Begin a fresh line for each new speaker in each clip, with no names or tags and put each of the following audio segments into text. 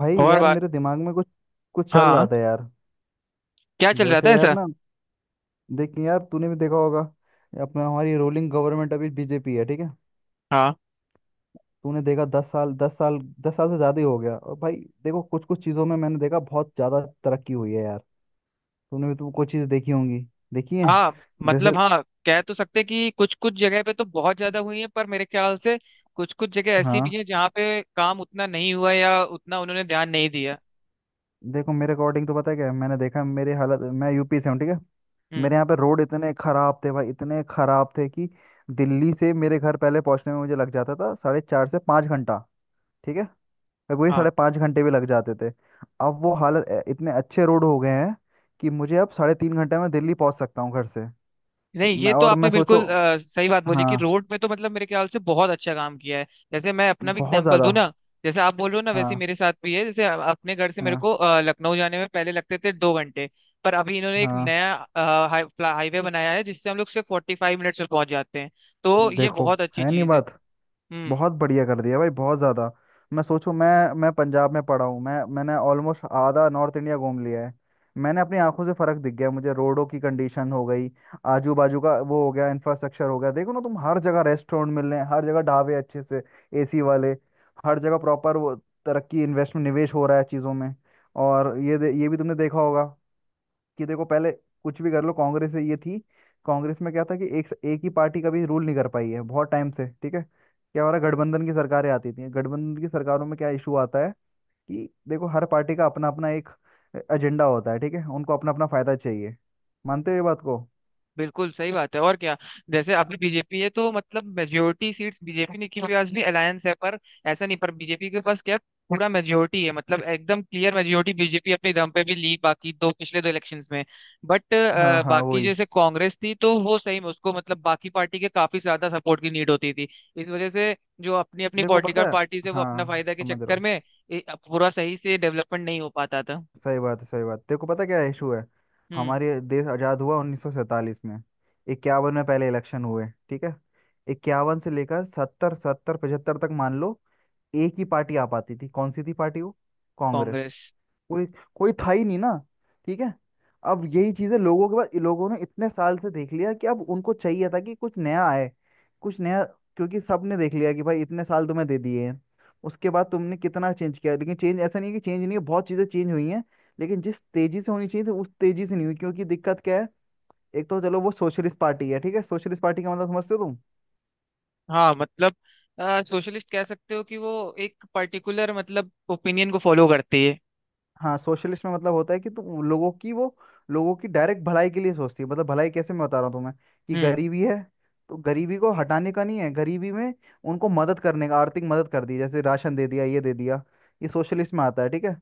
भाई
और
यार
बात।
मेरे दिमाग में कुछ कुछ चल रहा
हाँ।
था यार।
क्या चल रहा था
जैसे यार
ऐसा?
ना, देख यार तूने भी देखा होगा। अपना हमारी रूलिंग गवर्नमेंट अभी बीजेपी है, ठीक है।
हाँ।
तूने देखा 10 साल, 10 साल, 10 साल से ज़्यादा ही हो गया और भाई। देखो कुछ कुछ चीज़ों में मैंने देखा बहुत ज़्यादा तरक्की हुई है यार। तुमने भी तो कुछ चीज़ देखी होंगी, देखी है।
हाँ, मतलब
जैसे,
हाँ कह तो सकते कि कुछ कुछ जगह पे तो बहुत ज्यादा हुई है, पर मेरे ख्याल से कुछ कुछ जगह ऐसी
हाँ।
भी है जहाँ पे काम उतना नहीं हुआ या उतना उन्होंने ध्यान नहीं दिया।
देखो मेरे अकॉर्डिंग तो पता है क्या है, मैंने देखा मेरे हालत, मैं यूपी से हूँ, ठीक है।
हम्म।
मेरे यहाँ पे रोड इतने खराब थे भाई, इतने खराब थे कि दिल्ली से मेरे घर पहले पहुँचने में मुझे लग जाता था 4.5 से 5 घंटा, ठीक है। और वही
हाँ।
5.5 घंटे भी लग जाते थे। अब वो हालत इतने अच्छे रोड हो गए हैं कि मुझे अब 3.5 घंटे में दिल्ली पहुँच सकता हूँ घर से।
नहीं
मैं
ये तो
और मैं
आपने
सोचो,
बिल्कुल सही बात बोली कि
हाँ,
रोड पे तो मतलब मेरे ख्याल से बहुत अच्छा काम किया है। जैसे मैं अपना भी
बहुत
एग्जांपल
ज़्यादा।
दूं ना। जैसे आप बोल रहे हो ना वैसे ही
हाँ
मेरे साथ भी है, जैसे अपने घर से मेरे को
हाँ
लखनऊ जाने में पहले लगते थे 2 घंटे। पर अभी इन्होंने एक
हाँ।
नया हाईवे बनाया है जिससे हम लोग सिर्फ 45 मिनट्स में पहुंच जाते हैं। तो ये
देखो
बहुत अच्छी
है नहीं
चीज है।
बात,
हम्म।
बहुत बढ़िया कर दिया भाई, बहुत ज़्यादा। मैं सोचूं, मैं पंजाब में पढ़ा हूँ, मैंने ऑलमोस्ट आधा नॉर्थ इंडिया घूम लिया है। मैंने अपनी आंखों से फर्क दिख गया मुझे, रोडों की कंडीशन हो गई, आजू बाजू का वो हो गया, इंफ्रास्ट्रक्चर हो गया। देखो ना तुम, हर जगह रेस्टोरेंट मिल रहे हैं, हर जगह ढाबे अच्छे से, एसी वाले, हर जगह प्रॉपर वो तरक्की, इन्वेस्टमेंट, निवेश हो रहा है चीज़ों में। और ये भी तुमने देखा होगा कि देखो पहले कुछ भी कर लो, कांग्रेस से ये थी। कांग्रेस में क्या था कि एक एक ही पार्टी कभी रूल नहीं कर पाई है बहुत टाइम से, ठीक है। क्या हो रहा है, गठबंधन की सरकारें आती थी, गठबंधन की सरकारों में क्या इशू आता है कि देखो हर पार्टी का अपना अपना एक एजेंडा होता है, ठीक है, उनको अपना अपना फायदा चाहिए। मानते हो ये बात को?
बिल्कुल सही बात है और क्या। जैसे अभी बीजेपी है तो मतलब मेजोरिटी सीट्स बीजेपी ने, क्योंकि आज भी अलायंस है पर ऐसा नहीं। पर बीजेपी के पास क्या, पूरा मेजोरिटी है, मतलब एकदम क्लियर मेजोरिटी बीजेपी अपने दम पे भी ली बाकी दो पिछले दो इलेक्शंस में। बट
हाँ हाँ
बाकी
वही।
जैसे कांग्रेस थी तो वो सही में उसको मतलब बाकी पार्टी के काफी ज्यादा सपोर्ट की नीड होती थी। इस वजह से जो अपनी अपनी
देखो
पॉलिटिकल
पता है,
पार्टीज है वो अपना
हाँ
फायदा के
समझ रहा
चक्कर
हूँ,
में ए, पूरा सही से डेवलपमेंट नहीं हो पाता था।
सही बात है, सही बात। देखो पता क्या इशू है,
हम्म।
हमारे देश आज़ाद हुआ 1947 में, 51 में पहले इलेक्शन हुए, ठीक है। 51 से लेकर 70 70 75 तक मान लो एक ही पार्टी आ पाती थी, कौन सी थी पार्टी वो? कांग्रेस।
कांग्रेस।
कोई कोई था ही नहीं ना, ठीक है। अब यही चीजें लोगों के पास, लोगों ने इतने साल से देख लिया कि अब उनको चाहिए था कि कुछ नया आए, कुछ नया। क्योंकि सबने देख लिया कि भाई, इतने साल तुम्हें दे दिए हैं, उसके बाद तुमने कितना चेंज किया, लेकिन चेंज ऐसा नहीं है कि चेंज नहीं है, बहुत चीजें चेंज हुई हैं, लेकिन जिस तेजी से होनी चाहिए थी उस तेजी से नहीं हुई क्योंकि दिक्कत क्या है। एक तो चलो वो सोशलिस्ट पार्टी है, ठीक है, सोशलिस्ट पार्टी का मतलब समझते हो?
हाँ मतलब सोशलिस्ट कह सकते हो कि वो एक पर्टिकुलर मतलब ओपिनियन को फॉलो करती है।
हाँ, सोशलिस्ट में मतलब होता है कि तुम लोगों की वो, लोगों की डायरेक्ट भलाई के लिए सोचती है, मतलब भलाई कैसे, मैं बता रहा हूँ तुम्हें कि
हम्म।
गरीबी है, तो गरीबी को हटाने का नहीं है, गरीबी में उनको मदद करने का, आर्थिक मदद कर दी जैसे राशन दे दिया, ये दे दिया, ये सोशलिस्ट में आता है, ठीक है।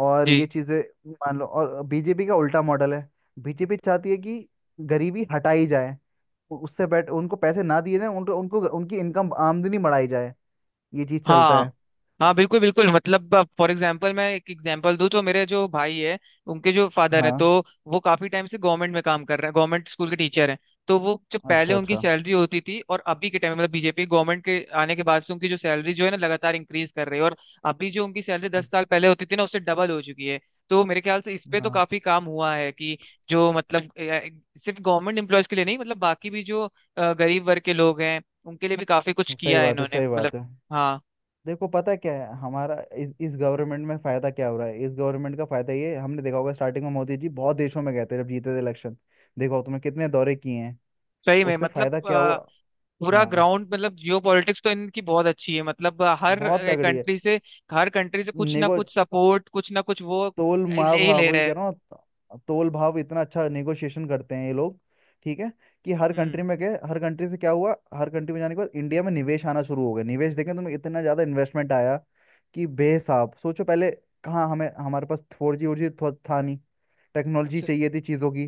और ये
जी।
चीजें मान लो, और बीजेपी का उल्टा मॉडल है। बीजेपी चाहती है कि गरीबी हटाई जाए, उससे बेट उनको पैसे ना दिए ना, उनको उनको उनकी इनकम आमदनी बढ़ाई जाए, ये चीज चलता
हाँ
है।
हाँ बिल्कुल बिल्कुल, मतलब फॉर एग्जांपल मैं एक एग्जांपल दूं तो मेरे जो भाई है उनके जो फादर हैं तो
हाँ,
वो काफी टाइम से गवर्नमेंट में काम कर रहे हैं, गवर्नमेंट स्कूल के टीचर हैं। तो वो जब पहले
अच्छा
उनकी
अच्छा,
सैलरी होती थी और अभी के टाइम मतलब बीजेपी गवर्नमेंट के आने के बाद से उनकी जो सैलरी जो है ना लगातार इंक्रीज कर रही है। और अभी जो उनकी सैलरी 10 साल पहले होती थी ना उससे डबल हो चुकी है। तो मेरे ख्याल से इस पे तो
हाँ,
काफी काम हुआ है कि जो मतलब सिर्फ गवर्नमेंट एम्प्लॉयज के लिए नहीं, मतलब बाकी भी जो गरीब वर्ग के लोग हैं उनके लिए भी काफी कुछ
सही
किया है
बात है,
इन्होंने
सही
मतलब।
बात है।
हाँ।
देखो पता है क्या है, हमारा इस गवर्नमेंट में फायदा क्या हो रहा है, इस गवर्नमेंट का फायदा ये है, हमने देखा होगा स्टार्टिंग में मोदी जी बहुत देशों में गए थे जब जीते थे इलेक्शन। देखो तुमने कितने दौरे किए हैं,
सही में
उससे
मतलब
फायदा क्या हुआ।
पूरा
हाँ,
ग्राउंड मतलब जियो पॉलिटिक्स तो इनकी बहुत अच्छी है, मतलब
बहुत
हर
तगड़ी है,
कंट्री से कुछ ना
नेगो
कुछ सपोर्ट कुछ ना कुछ वो
तोल
ले
भाव,
ही
हाँ
ले रहे
वही कह
हैं।
रहा हूँ, तोल भाव इतना अच्छा नेगोशिएशन करते हैं ये लोग, ठीक है, कि हर
हम्म।
कंट्री में गए, हर कंट्री से क्या हुआ, हर कंट्री में जाने के बाद इंडिया में निवेश आना शुरू हो गया, निवेश देखें तुम्हें इतना ज़्यादा इन्वेस्टमेंट आया कि बेहिसाब। सोचो पहले कहाँ हमें, हमारे पास 4G वोर जी था नहीं, टेक्नोलॉजी
स-
चाहिए थी चीज़ों की।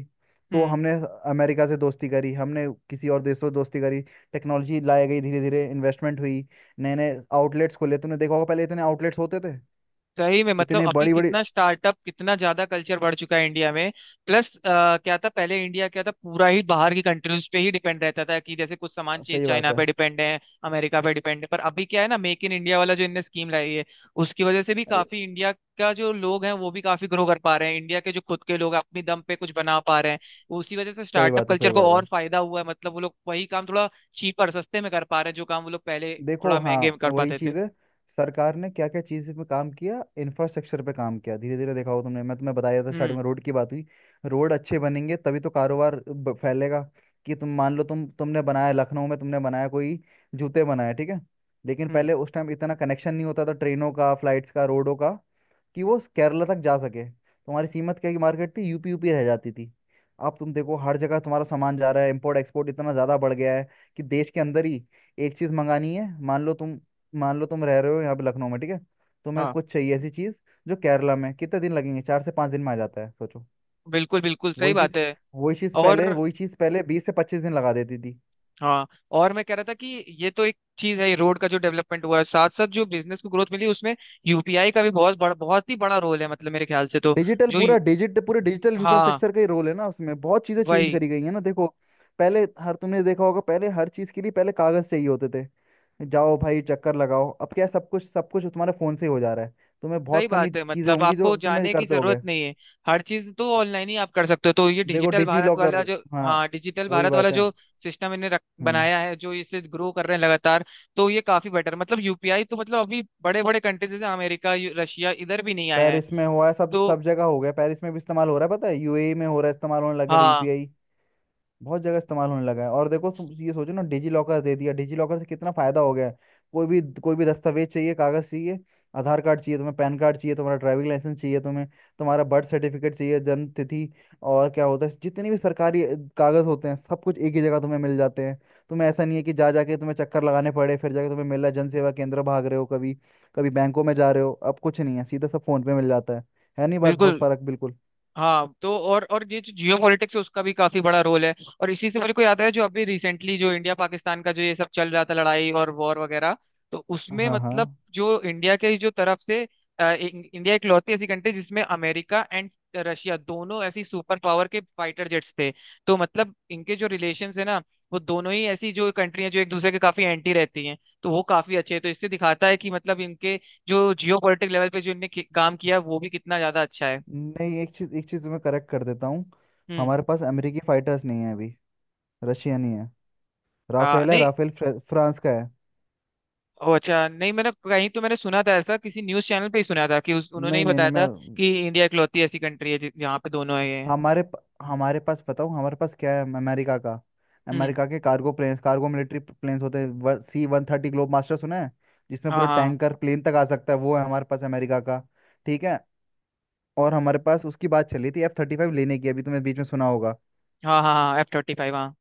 तो
हम्म।
हमने अमेरिका से दोस्ती करी, हमने किसी और देश से दोस्ती करी, टेक्नोलॉजी लाई गई, धीरे धीरे इन्वेस्टमेंट हुई। नए नए आउटलेट्स खोले, तुमने देखा होगा पहले इतने आउटलेट्स होते थे,
सही में मतलब
इतने
अभी
बड़ी बड़ी,
कितना स्टार्टअप कितना ज्यादा कल्चर बढ़ चुका है इंडिया में। प्लस क्या था पहले, इंडिया क्या था पूरा ही बाहर की कंट्रीज पे ही डिपेंड रहता था कि जैसे कुछ सामान चाहिए
सही बात
चाइना
है।
पे डिपेंड है, अमेरिका पे डिपेंड है। पर अभी क्या है ना मेक इन इंडिया वाला जो इनने स्कीम लाई है उसकी वजह से भी
अरे,
काफी इंडिया का जो लोग हैं वो भी काफी ग्रो कर पा रहे हैं। इंडिया के जो खुद के लोग हैं अपनी दम पे कुछ बना पा रहे हैं। उसी वजह से
सही
स्टार्टअप
बात है, सही
कल्चर को
बात है।
और फायदा हुआ है, मतलब वो लोग वही काम थोड़ा चीपर सस्ते में कर पा रहे हैं जो काम वो लोग पहले
देखो
थोड़ा
हाँ,
महंगे में कर
वही
पाते थे।
चीज़ है। सरकार ने क्या क्या चीज़ पे काम किया, इंफ्रास्ट्रक्चर पे काम किया धीरे धीरे, देखा हो तुमने, मैं तुम्हें बताया था स्टार्टिंग
हम्म।
में, रोड की बात हुई। रोड अच्छे बनेंगे तभी तो कारोबार फैलेगा। कि तुम मान लो, तुमने बनाया लखनऊ में, तुमने बनाया कोई जूते बनाया, ठीक है। लेकिन
हम्म।
पहले उस टाइम इतना कनेक्शन नहीं होता था, ट्रेनों का, फ्लाइट्स का, रोडों का, कि वो केरला तक जा सके, तुम्हारी सीमत क्या की मार्केट थी, यूपी यूपी रह जाती थी। अब तुम देखो हर जगह तुम्हारा सामान जा रहा है, इंपोर्ट एक्सपोर्ट इतना ज़्यादा बढ़ गया है कि देश के अंदर ही एक चीज़ मंगानी है मान लो तुम, मान लो तुम रह रहे हो यहाँ पे लखनऊ में, ठीक है, तुम्हें
हाँ
कुछ चाहिए ऐसी चीज़ जो केरला में, कितने दिन लगेंगे, 4 से 5 दिन में आ जाता है, सोचो।
बिल्कुल बिल्कुल सही
वही चीज़,
बात है।
वही चीज़
और
पहले, वही चीज़ पहले 20 से 25 दिन लगा देती थी।
हाँ, और मैं कह रहा था कि ये तो एक चीज है रोड का जो डेवलपमेंट हुआ है, साथ साथ जो बिजनेस को ग्रोथ मिली उसमें यूपीआई का भी बहुत बड़ा बहुत ही बड़ा रोल है, मतलब मेरे ख्याल से तो।
डिजिटल
जो
पूरा
यू-
डिजिट पूरे डिजिटल
हाँ
इंफ्रास्ट्रक्चर का ही रोल है ना उसमें, बहुत चीजें चेंज
वही।
करी गई है ना देखो। पहले हर, तुमने देखा होगा, पहले हर चीज के लिए पहले कागज चाहिए होते थे, जाओ भाई चक्कर लगाओ, अब क्या है, सब कुछ, सब कुछ तुम्हारे फोन से ही हो जा रहा है। तुम्हें
सही
बहुत कम ही
बात है,
चीजें
मतलब
होंगी जो
आपको
तुम्हें
जाने की
करते
जरूरत
होगे।
नहीं है। हर चीज तो ऑनलाइन ही आप कर सकते हो। तो ये
देखो
डिजिटल
डिजी
भारत
लॉकर,
वाला जो,
हाँ
हाँ डिजिटल
वही
भारत वाला
बात है,
जो सिस्टम
हम्म।
बनाया है जो इसे ग्रो कर रहे हैं लगातार। तो ये काफी बेटर, मतलब यूपीआई तो मतलब अभी बड़े बड़े कंट्रीज जैसे अमेरिका रशिया इधर भी नहीं आया है।
पेरिस में हुआ है, सब
तो
सब जगह हो गया, पेरिस में भी इस्तेमाल हो रहा है, पता है यूएई में हो रहा है, इस्तेमाल होने लगे
हाँ
यूपीआई, बहुत जगह इस्तेमाल होने लगा है। और देखो तुम ये सोचो ना, डिजी लॉकर दे दिया, डिजी लॉकर से कितना फायदा हो गया है, कोई भी दस्तावेज चाहिए, कागज चाहिए, आधार कार्ड चाहिए तुम्हें, पैन कार्ड चाहिए, तुम्हारा ड्राइविंग लाइसेंस चाहिए तुम्हें, तुम्हारा बर्थ सर्टिफिकेट चाहिए, जन्म तिथि। और क्या होता है, जितने भी सरकारी कागज होते हैं सब कुछ एक ही जगह तुम्हें मिल जाते हैं। तुम्हें ऐसा नहीं है कि जा जाके तुम्हें चक्कर लगाने पड़े, फिर जाके तुम्हें मिल रहा है, जन सेवा केंद्र भाग रहे हो, कभी कभी बैंकों में जा रहे हो, अब कुछ नहीं है, सीधा सब फोन पे मिल जाता है नहीं बात, बहुत
बिल्कुल।
फर्क, बिल्कुल।
हाँ तो और ये जो जियो पॉलिटिक्स है उसका भी काफी बड़ा रोल है। और इसी से मेरे को याद है, जो अभी रिसेंटली जो इंडिया पाकिस्तान का जो ये सब चल रहा था लड़ाई और वॉर वगैरह, तो उसमें
हाँ
मतलब
हाँ।
जो इंडिया के जो तरफ से इंडिया एक लौती ऐसी कंट्री जिसमें अमेरिका एंड रशिया दोनों ऐसी सुपर पावर के फाइटर जेट्स थे। तो मतलब इनके जो रिलेशंस है ना, वो दोनों ही ऐसी जो कंट्री हैं जो एक दूसरे के काफी एंटी रहती हैं, तो वो काफी अच्छे हैं। तो इससे दिखाता है कि मतलब इनके जो जियो पॉलिटिक लेवल पे जो इनने काम किया वो भी कितना ज्यादा अच्छा है।
नहीं, एक चीज, एक चीज मैं करेक्ट कर देता हूँ,
हम्म।
हमारे पास अमेरिकी फाइटर्स नहीं है अभी, रशिया नहीं है, राफेल है,
नहीं।
राफेल फ्रांस का है।
ओ अच्छा, नहीं मैंने कहीं तो मैंने सुना था, ऐसा किसी न्यूज़ चैनल पे ही सुना था कि उन्होंने
नहीं
ही
नहीं नहीं
बताया
मैं,
था कि इंडिया इकलौती ऐसी कंट्री है जहाँ पे दोनों है ये।
हमारे पास बताऊँ, हमारे पास क्या है, अमेरिका का,
हम्म।
अमेरिका के cargo planes, cargo military planes होते हैं, C-130 ग्लोब मास्टर सुना है, जिसमें
हाँ
पूरा
हाँ
टैंकर प्लेन तक आ सकता है, वो है हमारे पास अमेरिका का, ठीक है। और हमारे पास उसकी बात चली थी F-35 लेने की, अभी तुमने बीच में सुना होगा।
हाँ। हाँ हाँ F-35 हाँ।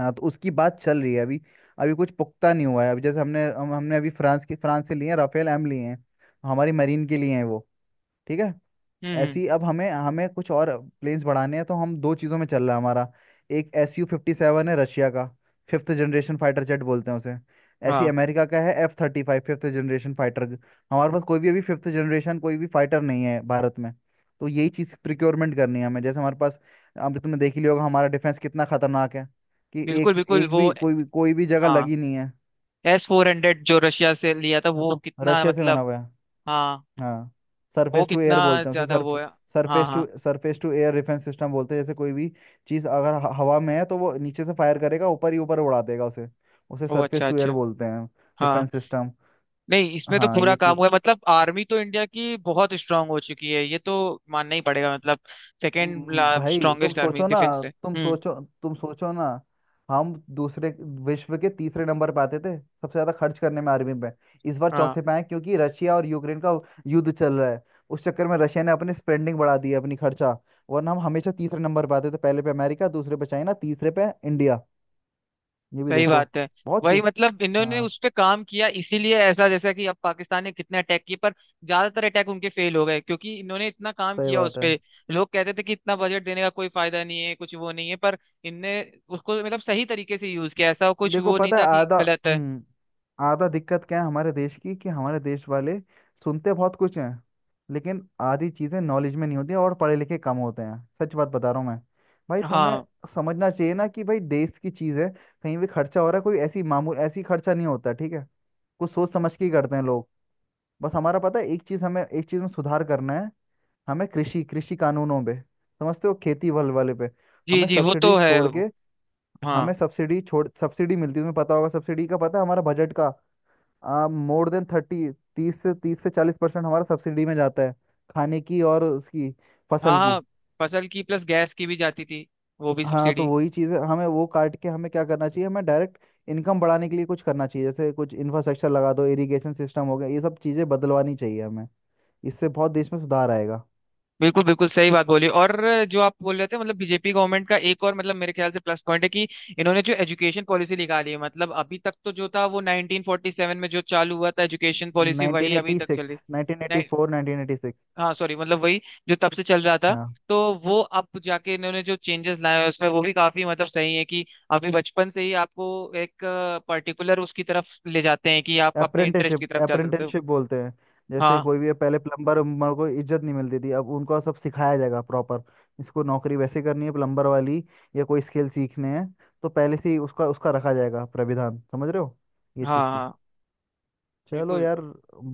हाँ तो उसकी बात चल रही है अभी, अभी कुछ पुख्ता नहीं हुआ है, अभी जैसे हमने अभी फ्रांस की, फ्रांस से लिए हैं राफेल एम लिए हैं, हमारी मरीन के लिए हैं वो, ठीक है।
हम्म। हम्म।
ऐसी अब हमें हमें कुछ और प्लेन्स बढ़ाने हैं, तो हम दो चीज़ों में चल रहा है हमारा। एक, Su-57 है रशिया का, फिफ्थ जनरेशन फाइटर जेट बोलते हैं उसे। ऐसी
हाँ
अमेरिका का है F-35 फिफ्थ जनरेशन फाइटर। हमारे पास कोई भी अभी फिफ्थ जनरेशन कोई भी फाइटर नहीं है भारत में। तो यही चीज़ प्रिक्योरमेंट करनी है हमें, जैसे हमारे पास, अब तुमने देख ही लिया होगा, हमारा डिफेंस कितना खतरनाक है, कि
बिल्कुल
एक
बिल्कुल
एक भी,
वो।
कोई भी कोई भी जगह
हाँ
लगी नहीं है।
S-400 जो रशिया से लिया था वो कितना
रशिया से बना
मतलब।
हुआ है,
हाँ।
हाँ,
वो
सरफेस टू
कितना
एयर बोलते हैं उसे,
ज्यादा
सर्फ
वो है। हाँ हाँ।
Surface to air defence system बोलते हैं, जैसे कोई भी चीज़ अगर हवा में है तो वो नीचे से फायर करेगा, ऊपर ही ऊपर उड़ा देगा उसे, उसे
ओ
सरफेस
अच्छा
टू एयर
अच्छा।
बोलते हैं
हाँ।
Defence system.
नहीं इसमें तो
हाँ
पूरा
ये
काम
चीज़,
हुआ है मतलब आर्मी तो इंडिया की बहुत स्ट्रांग हो चुकी है ये तो मानना ही पड़ेगा मतलब। सेकेंड
भाई तुम
स्ट्रांगेस्ट आर्मी
सोचो ना,
डिफेंस से।
तुम
हम्म।
सोचो, तुम सोचो ना। हम दूसरे विश्व के तीसरे नंबर पे आते थे सबसे ज्यादा खर्च करने में आर्मी पे। इस बार
हाँ
चौथे पे आए क्योंकि रशिया और यूक्रेन का युद्ध चल रहा है। उस चक्कर में रशिया ने अपनी स्पेंडिंग बढ़ा दी है, अपनी खर्चा। वरना हम हमेशा तीसरे नंबर पे आते थे, पहले पे अमेरिका, दूसरे पे चाइना, तीसरे पे इंडिया, ये भी
सही
देखो,
बात है।
बहुत
वही
चीज।
मतलब इन्होंने
हाँ
उस पे काम किया इसीलिए ऐसा, जैसा कि अब पाकिस्तान ने कितने अटैक किए पर ज्यादातर अटैक उनके फेल हो गए क्योंकि इन्होंने इतना काम
सही
किया
बात
उस
है।
पे। लोग कहते थे कि इतना बजट देने का कोई फायदा नहीं है कुछ वो नहीं है, पर इनने उसको मतलब सही तरीके से यूज किया, ऐसा कुछ
देखो
वो नहीं
पता है,
था कि
आधा,
गलत है।
हम्म आधा दिक्कत क्या है हमारे देश की कि हमारे देश वाले सुनते बहुत कुछ हैं, लेकिन आधी चीजें नॉलेज में नहीं होती, और पढ़े लिखे कम होते हैं, सच बात बता रहा हूँ मैं भाई, तुम्हें
हाँ।
समझना चाहिए ना कि भाई देश की चीज है, कहीं भी खर्चा हो रहा है, कोई ऐसी मामूल ऐसी खर्चा नहीं होता, ठीक है, कुछ सोच समझ के ही करते हैं लोग। बस हमारा पता है, एक चीज, हमें एक चीज में सुधार करना है। हमें कृषि कृषि कानूनों पे समझते हो, खेती वाले वाले पे।
जी
हमें
जी वो
सब्सिडी
तो है।
छोड़ के, हमें
हाँ।
सब्सिडी छोड़, सब्सिडी मिलती है तुम्हें पता होगा, सब्सिडी का पता है, हमारा बजट का मोर देन 30, तीस से चालीस परसेंट हमारा सब्सिडी में जाता है, खाने की, और उसकी फसल
हाँ
की।
हाँ फसल की प्लस गैस की भी जाती थी वो भी
हाँ तो
सब्सिडी।
वही चीज़ है, हमें वो काट के हमें क्या करना चाहिए, हमें डायरेक्ट इनकम बढ़ाने के लिए कुछ करना चाहिए, जैसे कुछ इंफ्रास्ट्रक्चर लगा दो, इरिगेशन सिस्टम हो गया, ये सब चीज़ें बदलवानी चाहिए हमें, इससे बहुत देश में सुधार आएगा।
बिल्कुल बिल्कुल सही बात बोली। और जो आप बोल रहे थे मतलब बीजेपी गवर्नमेंट का एक और, मतलब मेरे ख्याल से प्लस पॉइंट है कि इन्होंने जो एजुकेशन पॉलिसी निकाली है, मतलब अभी तक तो जो था वो 1947 में जो चालू हुआ था एजुकेशन पॉलिसी
नाइनटीन
वही अभी
एटी
तक चल
सिक्स
रही।
नाइनटीन एटी
नहीं
फोर 1986।
हाँ सॉरी मतलब वही जो तब से चल रहा था। तो वो अब जाके इन्होंने जो चेंजेस लाए हैं उसमें वो भी काफी, मतलब सही है कि अभी बचपन से ही आपको एक पर्टिकुलर उसकी तरफ ले जाते हैं कि आप अपने इंटरेस्ट
अप्रेंटिसशिप,
की तरफ जा सकते हो।
अप्रेंटिसशिप बोलते हैं, जैसे
हाँ
कोई भी पहले प्लम्बर उम्बर को इज्जत नहीं मिलती थी, अब उनको सब सिखाया जाएगा प्रॉपर। इसको नौकरी वैसे करनी है, प्लम्बर वाली, या कोई स्किल सीखने हैं, तो पहले से ही उसका उसका रखा जाएगा प्राविधान, समझ रहे हो, ये
हाँ
चीज़ थी।
हाँ।
चलो
बिल्कुल।
यार,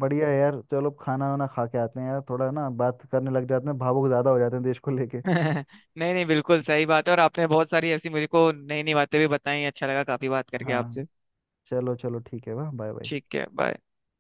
बढ़िया है यार, चलो खाना वाना खा के आते हैं यार, थोड़ा ना बात करने लग जाते हैं, भावुक ज़्यादा हो जाते हैं देश को लेके।
नहीं नहीं बिल्कुल सही बात है, और आपने बहुत सारी ऐसी मुझे को नई नई बातें भी बताई। अच्छा लगा काफी बात करके
हाँ
आपसे।
चलो चलो ठीक है, वाह, बाय बाय।
ठीक है बाय।